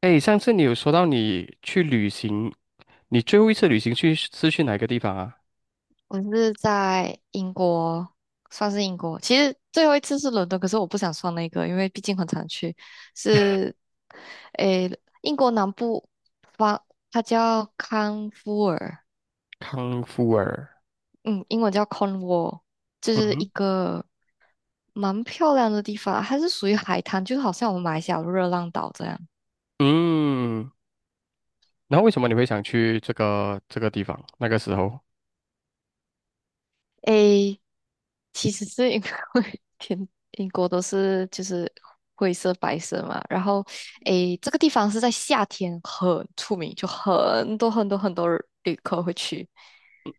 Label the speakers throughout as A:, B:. A: 哎，上次你有说到你去旅行，你最后一次旅行去是去哪个地方啊？
B: 我是在英国，算是英国。其实最后一次是伦敦，可是我不想算那个，因为毕竟很常去。是，诶，英国南部方，它叫康沃尔。
A: 康夫尔。
B: 嗯，英文叫 Cornwall，就
A: 嗯
B: 是一
A: 哼。
B: 个蛮漂亮的地方，它是属于海滩，就好像我们马来西亚的热浪岛这样。
A: 嗯。然后为什么你会想去这个地方？那个时候。
B: 诶，其实是因为 天英国都是就是灰色白色嘛。然后这个地方是在夏天很出名，就很多很多很多旅客会去，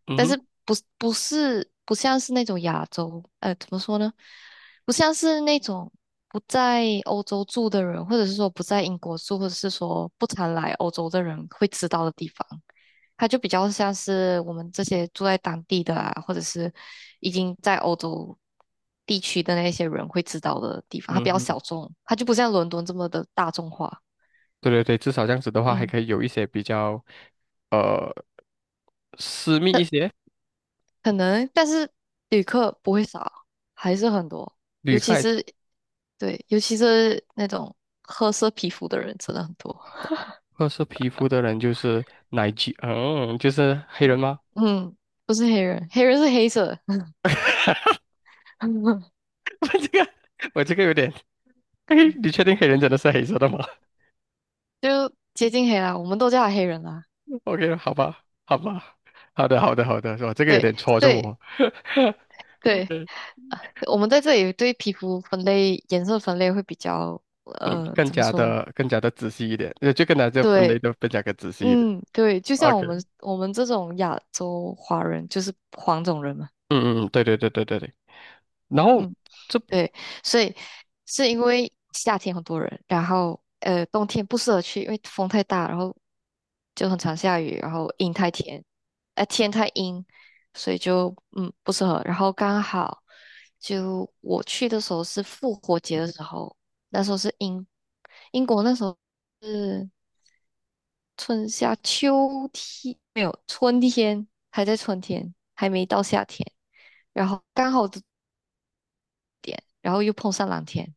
A: 嗯
B: 但是
A: 哼。
B: 不像是那种亚洲，怎么说呢？不像是那种不在欧洲住的人，或者是说不在英国住，或者是说不常来欧洲的人会知道的地方。它就比较像是我们这些住在当地的啊，或者是已经在欧洲地区的那些人会知道的地方。它
A: 嗯
B: 比较
A: 哼。
B: 小众，它就不像伦敦这么的大众化。
A: 对对对，至少这样子的话，还
B: 嗯。
A: 可以有一些比较呃私密一些。
B: 可能，但是旅客不会少，还是很多。
A: 女
B: 尤其
A: 孩。
B: 是对，尤其是那种褐色皮肤的人真的很多。
A: 褐色皮肤的人就是奶居，嗯，就是黑人吗？
B: 嗯，不是黑人，黑人是黑色。
A: 我这个我这个有点。嘿，你确定黑人真的是黑色的吗？
B: 就接近黑啦，我们都叫他黑人啦。
A: OK，好吧，好吧。好的，好的，好的，是吧？这个有
B: 对
A: 点戳中
B: 对
A: 我。
B: 对，
A: OK。
B: 啊我们在这里对皮肤分类、颜色分类会比较，
A: 嗯，更
B: 怎么
A: 加
B: 说？
A: 的更加的仔细一点，就更加就分
B: 对，
A: 类的更加的仔细一点。
B: 嗯，对，就像我
A: OK。
B: 们我们这种亚洲华人就是黄种人嘛。
A: 嗯嗯。嗯对对对对对对。然后
B: 嗯。
A: 这，
B: 对，所以是因为夏天很多人，然后冬天不适合去，因为风太大，然后就很常下雨，然后阴太天，天太阴，所以就不适合。然后刚好就我去的时候是复活节的时候，那时候是英国那时候是春夏秋天，没有春天，还在春天，还没到夏天，然后刚好这点，然后又碰上蓝天。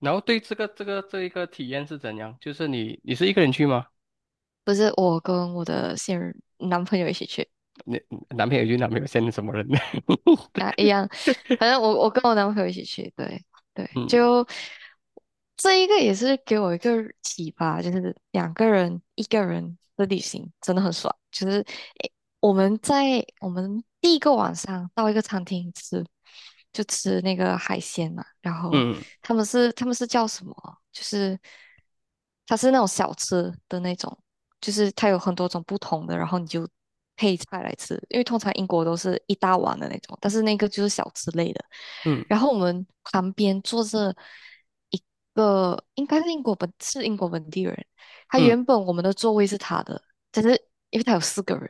A: 对这一个体验是怎样？就是你是一个人去吗？
B: 不是，我跟我的现任男朋友一起去
A: 你男朋友去，男朋友现在什么人？呢？
B: 啊，一样，反正我跟我男朋友一起去。对对，
A: 嗯
B: 就这一个也是给我一个启发，就是两个人一个人的旅行真的很爽。就是我们第一个晚上到一个餐厅吃，就吃那个海鲜嘛。然后
A: 嗯
B: 他们是叫什么？就是它是那种小吃的那种，就是它有很多种不同的，然后你就配菜来吃。因为通常英国都是一大碗的那种，但是那个就是小吃类的。
A: 嗯
B: 然后我们旁边坐着一个，应该是英国本地人。他
A: 嗯
B: 原本我们的座位是他的，但是因为他有四个人。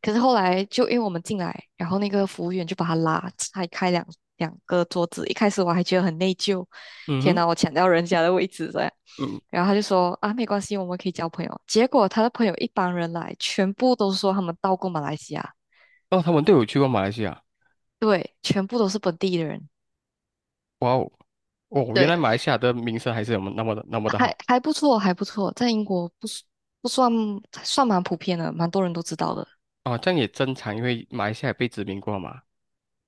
B: 可是后来就因为我们进来，然后那个服务员就把他拉拆开两个桌子。一开始我还觉得很内疚，
A: 嗯
B: 天
A: 哼
B: 哪，我抢到人家的位置这样。
A: 嗯。
B: 然后他就说啊，没关系，我们可以交朋友。结果他的朋友一帮人来，全部都说他们到过马来西亚。
A: 哦，他们都有去过马来西亚。
B: 对，全部都是本地的人。
A: 哇哦。哦，原
B: 对，
A: 来马来西亚的名声还是有那么的好。
B: 还不错，还不错，在英国不是不算蛮普遍的，蛮多人都知道的。
A: 哦，这样也正常，因为马来西亚也被殖民过嘛。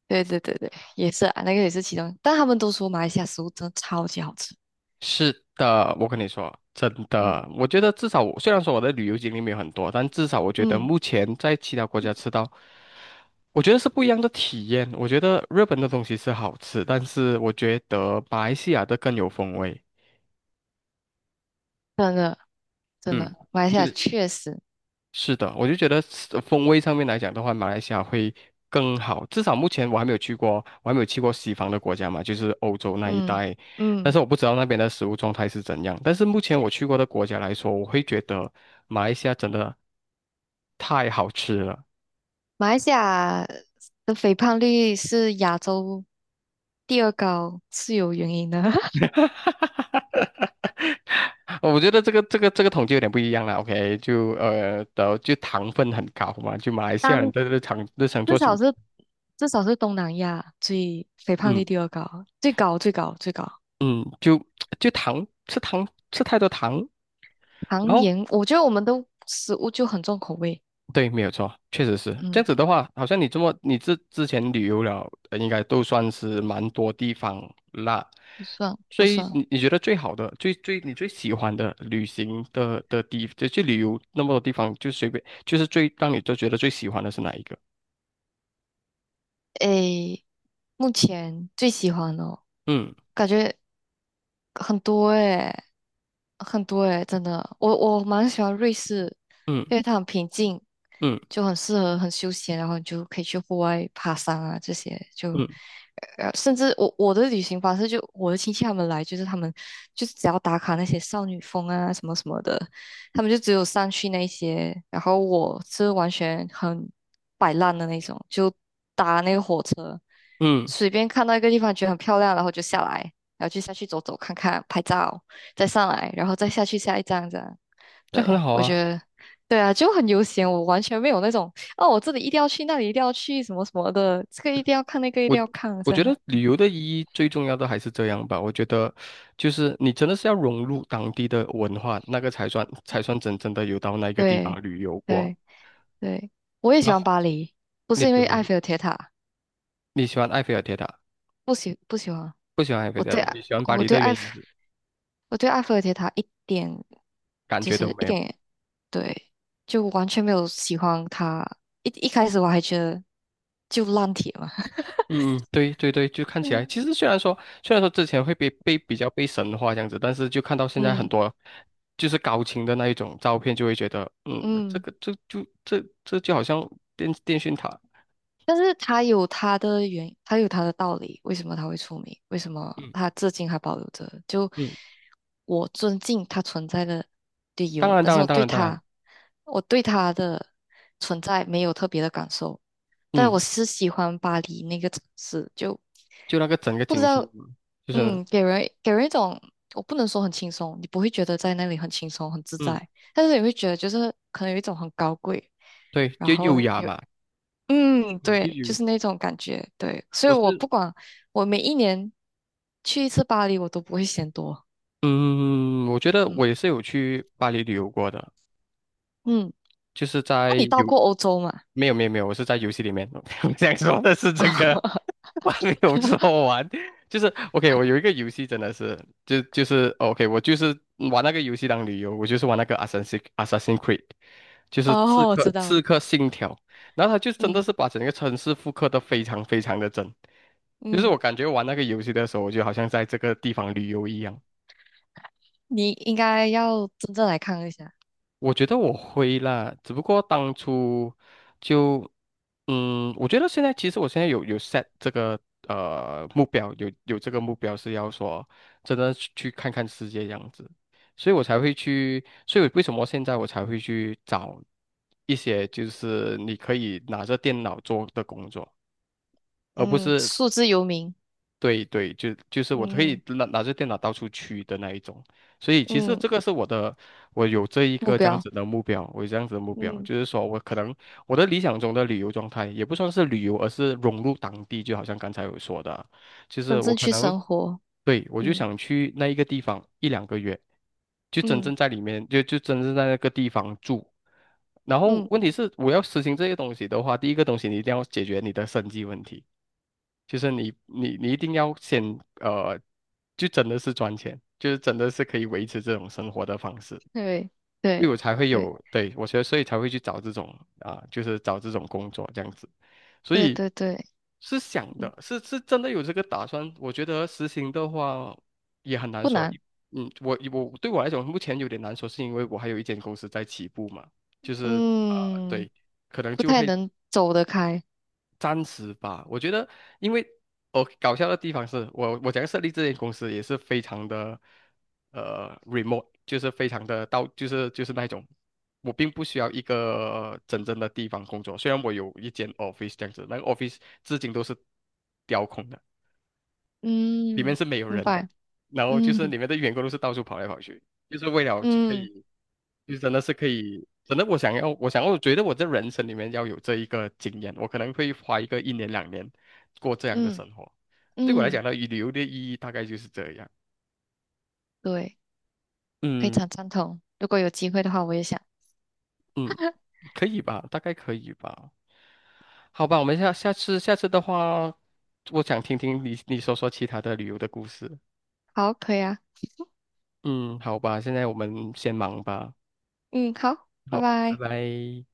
B: 对对对对，也是啊，那个也是其中，但他们都说马来西亚食物真的超级好吃。
A: 是的，我跟你说，真
B: 嗯
A: 的。我觉得至少我虽然说我的旅游经历没有很多，但至少我觉得
B: 嗯。
A: 目前在其他国家吃到，我觉得是不一样的体验。我觉得日本的东西是好吃，但是我觉得马来西亚的更有风味。
B: 真的真
A: 嗯，
B: 的，马来西亚
A: 就。
B: 确实。
A: 是的。我就觉得是风味上面来讲的话，马来西亚会更好。至少目前我还没有去过，我还没有去过西方的国家嘛，就是欧洲那一
B: 嗯
A: 带。但
B: 嗯，
A: 是我不知道那边的食物状态是怎样。但是目前我去过的国家来说，我会觉得马来西亚真的太好吃了。
B: 马来西亚的肥胖率是亚洲第二高，是有原因的。
A: 我觉得这个统计有点不一样了。OK，就的就糖分很高嘛，就马来西亚人
B: 当
A: 的日常
B: 至
A: 做息。
B: 少是至少是东南亚最肥胖率
A: 嗯
B: 第二高，最高最高最高。
A: 嗯。就糖吃太多糖。然
B: 糖
A: 后。
B: 盐，我觉得我们的食物就很重口味。
A: 对，没有错，确实是这样
B: 嗯，
A: 子的话，好像你这么你之前旅游了，应该都算是蛮多地方啦。
B: 不算
A: 所
B: 不
A: 以
B: 算。
A: 你觉得最好的、你最喜欢的旅行的地，就去旅游那么多地方，就随便就是最让你都觉得最喜欢的是哪一个？
B: 诶，目前最喜欢哦，
A: 嗯
B: 感觉很多诶。很多诶，真的，我蛮喜欢瑞士，
A: 嗯
B: 因为它很平静，
A: 嗯
B: 就很适合很休闲，然后你就可以去户外爬山啊这些。就
A: 嗯
B: 甚至我的旅行方式就我的亲戚他们来，就是他们就是只要打卡那些少女峰啊什么什么的，他们就只有上去那些，然后我是完全很摆烂的那种，就搭那个火车。
A: 嗯。
B: 随便看到一个地方觉得很漂亮，然后就下来，然后就下去走走看看，拍照，再上来，然后再下去下一站这样。
A: 这样
B: 对，
A: 很好
B: 我
A: 啊。
B: 觉得，对啊，就很悠闲，我完全没有那种哦，我这里一定要去，那里一定要去，什么什么的，这个一定要看，那个一定
A: 我
B: 要看
A: 我
B: 这
A: 觉
B: 样。
A: 得旅游的意义最重要的还是这样吧。我觉得，就是你真的是要融入当地的文化，那个才算真正的有到那个地
B: 对，
A: 方旅游过。
B: 对，对，我也喜
A: 然
B: 欢
A: 后
B: 巴黎，不
A: 你
B: 是因
A: 喜
B: 为
A: 欢巴
B: 埃
A: 黎，
B: 菲尔铁塔。
A: 你喜欢埃菲尔铁塔，
B: 不喜欢，
A: 不喜欢埃菲尔
B: 我
A: 铁
B: 对
A: 塔，你喜欢巴
B: 我
A: 黎
B: 对
A: 的原
B: 埃菲
A: 因是
B: 我对埃菲尔铁塔一点，
A: 感
B: 就
A: 觉都
B: 是一
A: 没有。
B: 点也，对，就完全没有喜欢它。一开始我还觉得就烂铁嘛。
A: 嗯嗯。对对对，就 看起
B: 嗯
A: 来，其实虽然说之前会被比较被神化这样子，但是就看到现在很
B: 嗯。
A: 多就是高清的那一种照片，就会觉得，嗯，这
B: 嗯
A: 个这就这这就好像电讯塔，
B: 但是他有他的原，他有他的道理，为什么他会出名？为什么
A: 嗯。
B: 他至今还保留着？就
A: 嗯。
B: 我尊敬他存在的理
A: 当
B: 由。
A: 然，
B: 但
A: 当
B: 是
A: 然，当然，当然。
B: 我对他的存在没有特别的感受，但我
A: 嗯，
B: 是喜欢巴黎那个城市，就
A: 就那个整个
B: 不知
A: 景象
B: 道，
A: 嘛，就是，
B: 给人一种，我不能说很轻松，你不会觉得在那里很轻松很自
A: 嗯，
B: 在，但是你会觉得就是可能有一种很高贵。
A: 对，
B: 然
A: 就
B: 后
A: 优雅
B: 有
A: 嘛，
B: ,
A: 嗯，就
B: 对，
A: 优
B: 就
A: 雅。
B: 是那种感觉。对，所以
A: 我
B: 我
A: 是，
B: 不管，我每一年去一次巴黎，我都不会嫌多。
A: 嗯，我觉得
B: 嗯
A: 我也是有去巴黎旅游过的，
B: 嗯，
A: 就是在
B: 那你到
A: 游。
B: 过欧洲吗？
A: 没有没有没有，我是在游戏里面，我样说的是这个，
B: 啊，
A: 我还没有说完，就是 OK，我有一个游戏真的是。就是哦 OK，我就是玩那个游戏当旅游，我就是玩那个 Assassin Creed，就是刺
B: 哦，我知
A: 客刺
B: 道，
A: 客信条，然后他就真的
B: 嗯
A: 是把整个城市复刻的非常非常的真，就是
B: 嗯，
A: 我感觉玩那个游戏的时候，我就好像在这个地方旅游一样。
B: 你应该要真正来看一下。
A: 我觉得我会啦，只不过当初就，嗯，我觉得现在其实我现在有 set 这个目标，有这个目标是要说真的去看看世界这样子，所以我才会去，所以为什么现在我才会去找一些就是你可以拿着电脑做的工作，而不
B: 嗯，
A: 是。
B: 数字游民。
A: 对对，就是我可以
B: 嗯
A: 拿着电脑到处去的那一种。所以其实
B: 嗯。
A: 这个是我的，我有这一
B: 目
A: 个这样
B: 标。
A: 子的目标，我有这样子的目标，
B: 嗯，
A: 就是说我可能我的理想中的旅游状态也不算是旅游，而是融入当地，就好像刚才有说的，就
B: 真
A: 是我
B: 正
A: 可
B: 去
A: 能，
B: 生活。
A: 对，我就
B: 嗯
A: 想去那一个地方一两个月，就真
B: 嗯
A: 正在里面，就真正在那个地方住。然后
B: 嗯。
A: 问题是，我要实行这些东西的话，第一个东西你一定要解决你的生计问题，就是你一定要先呃，就真的是赚钱，就是真的是可以维持这种生活的方式。
B: 对
A: 因为
B: 对
A: 我才会
B: 对
A: 有，对，我觉得所以才会去找这种啊、就是找这种工作这样子，所
B: 对
A: 以
B: 对对。
A: 是想
B: 嗯，
A: 的，是真的有这个打算。我觉得实行的话也很难
B: 不
A: 说。
B: 难。
A: 嗯，我对我来讲目前有点难说，是因为我还有一间公司在起步嘛，就是呃，
B: 嗯，
A: 对，可能
B: 不
A: 就
B: 太
A: 会
B: 能走得开。
A: 暂时吧，我觉得。因为我搞笑的地方是我要设立这间公司也是非常的remote，就是非常的就是那种，我并不需要一个真正的地方工作，虽然我有一间 office 这样子，那个 office 至今都是雕空的，里面
B: 嗯，
A: 是没有
B: 明
A: 人的，
B: 白。
A: 然后就是
B: 嗯
A: 里面的员工都是到处跑来跑去，就是为了可
B: 嗯
A: 以。就真的是可以，真的我想要，我觉得我这人生里面要有这一个经验，我可能会花一个一年两年过这样的
B: 嗯
A: 生活。对我来
B: 嗯。
A: 讲呢，旅游的意义大概就是这样。
B: 对，非
A: 嗯
B: 常赞同。如果有机会的话，我也想。
A: 嗯。可以吧？大概可以吧？好吧，我们下次的话，我想听听你说说其他的旅游的故事。
B: 好，可以啊。
A: 嗯，好吧，现在我们先忙吧。
B: 嗯，好，拜
A: 好，拜
B: 拜。
A: 拜。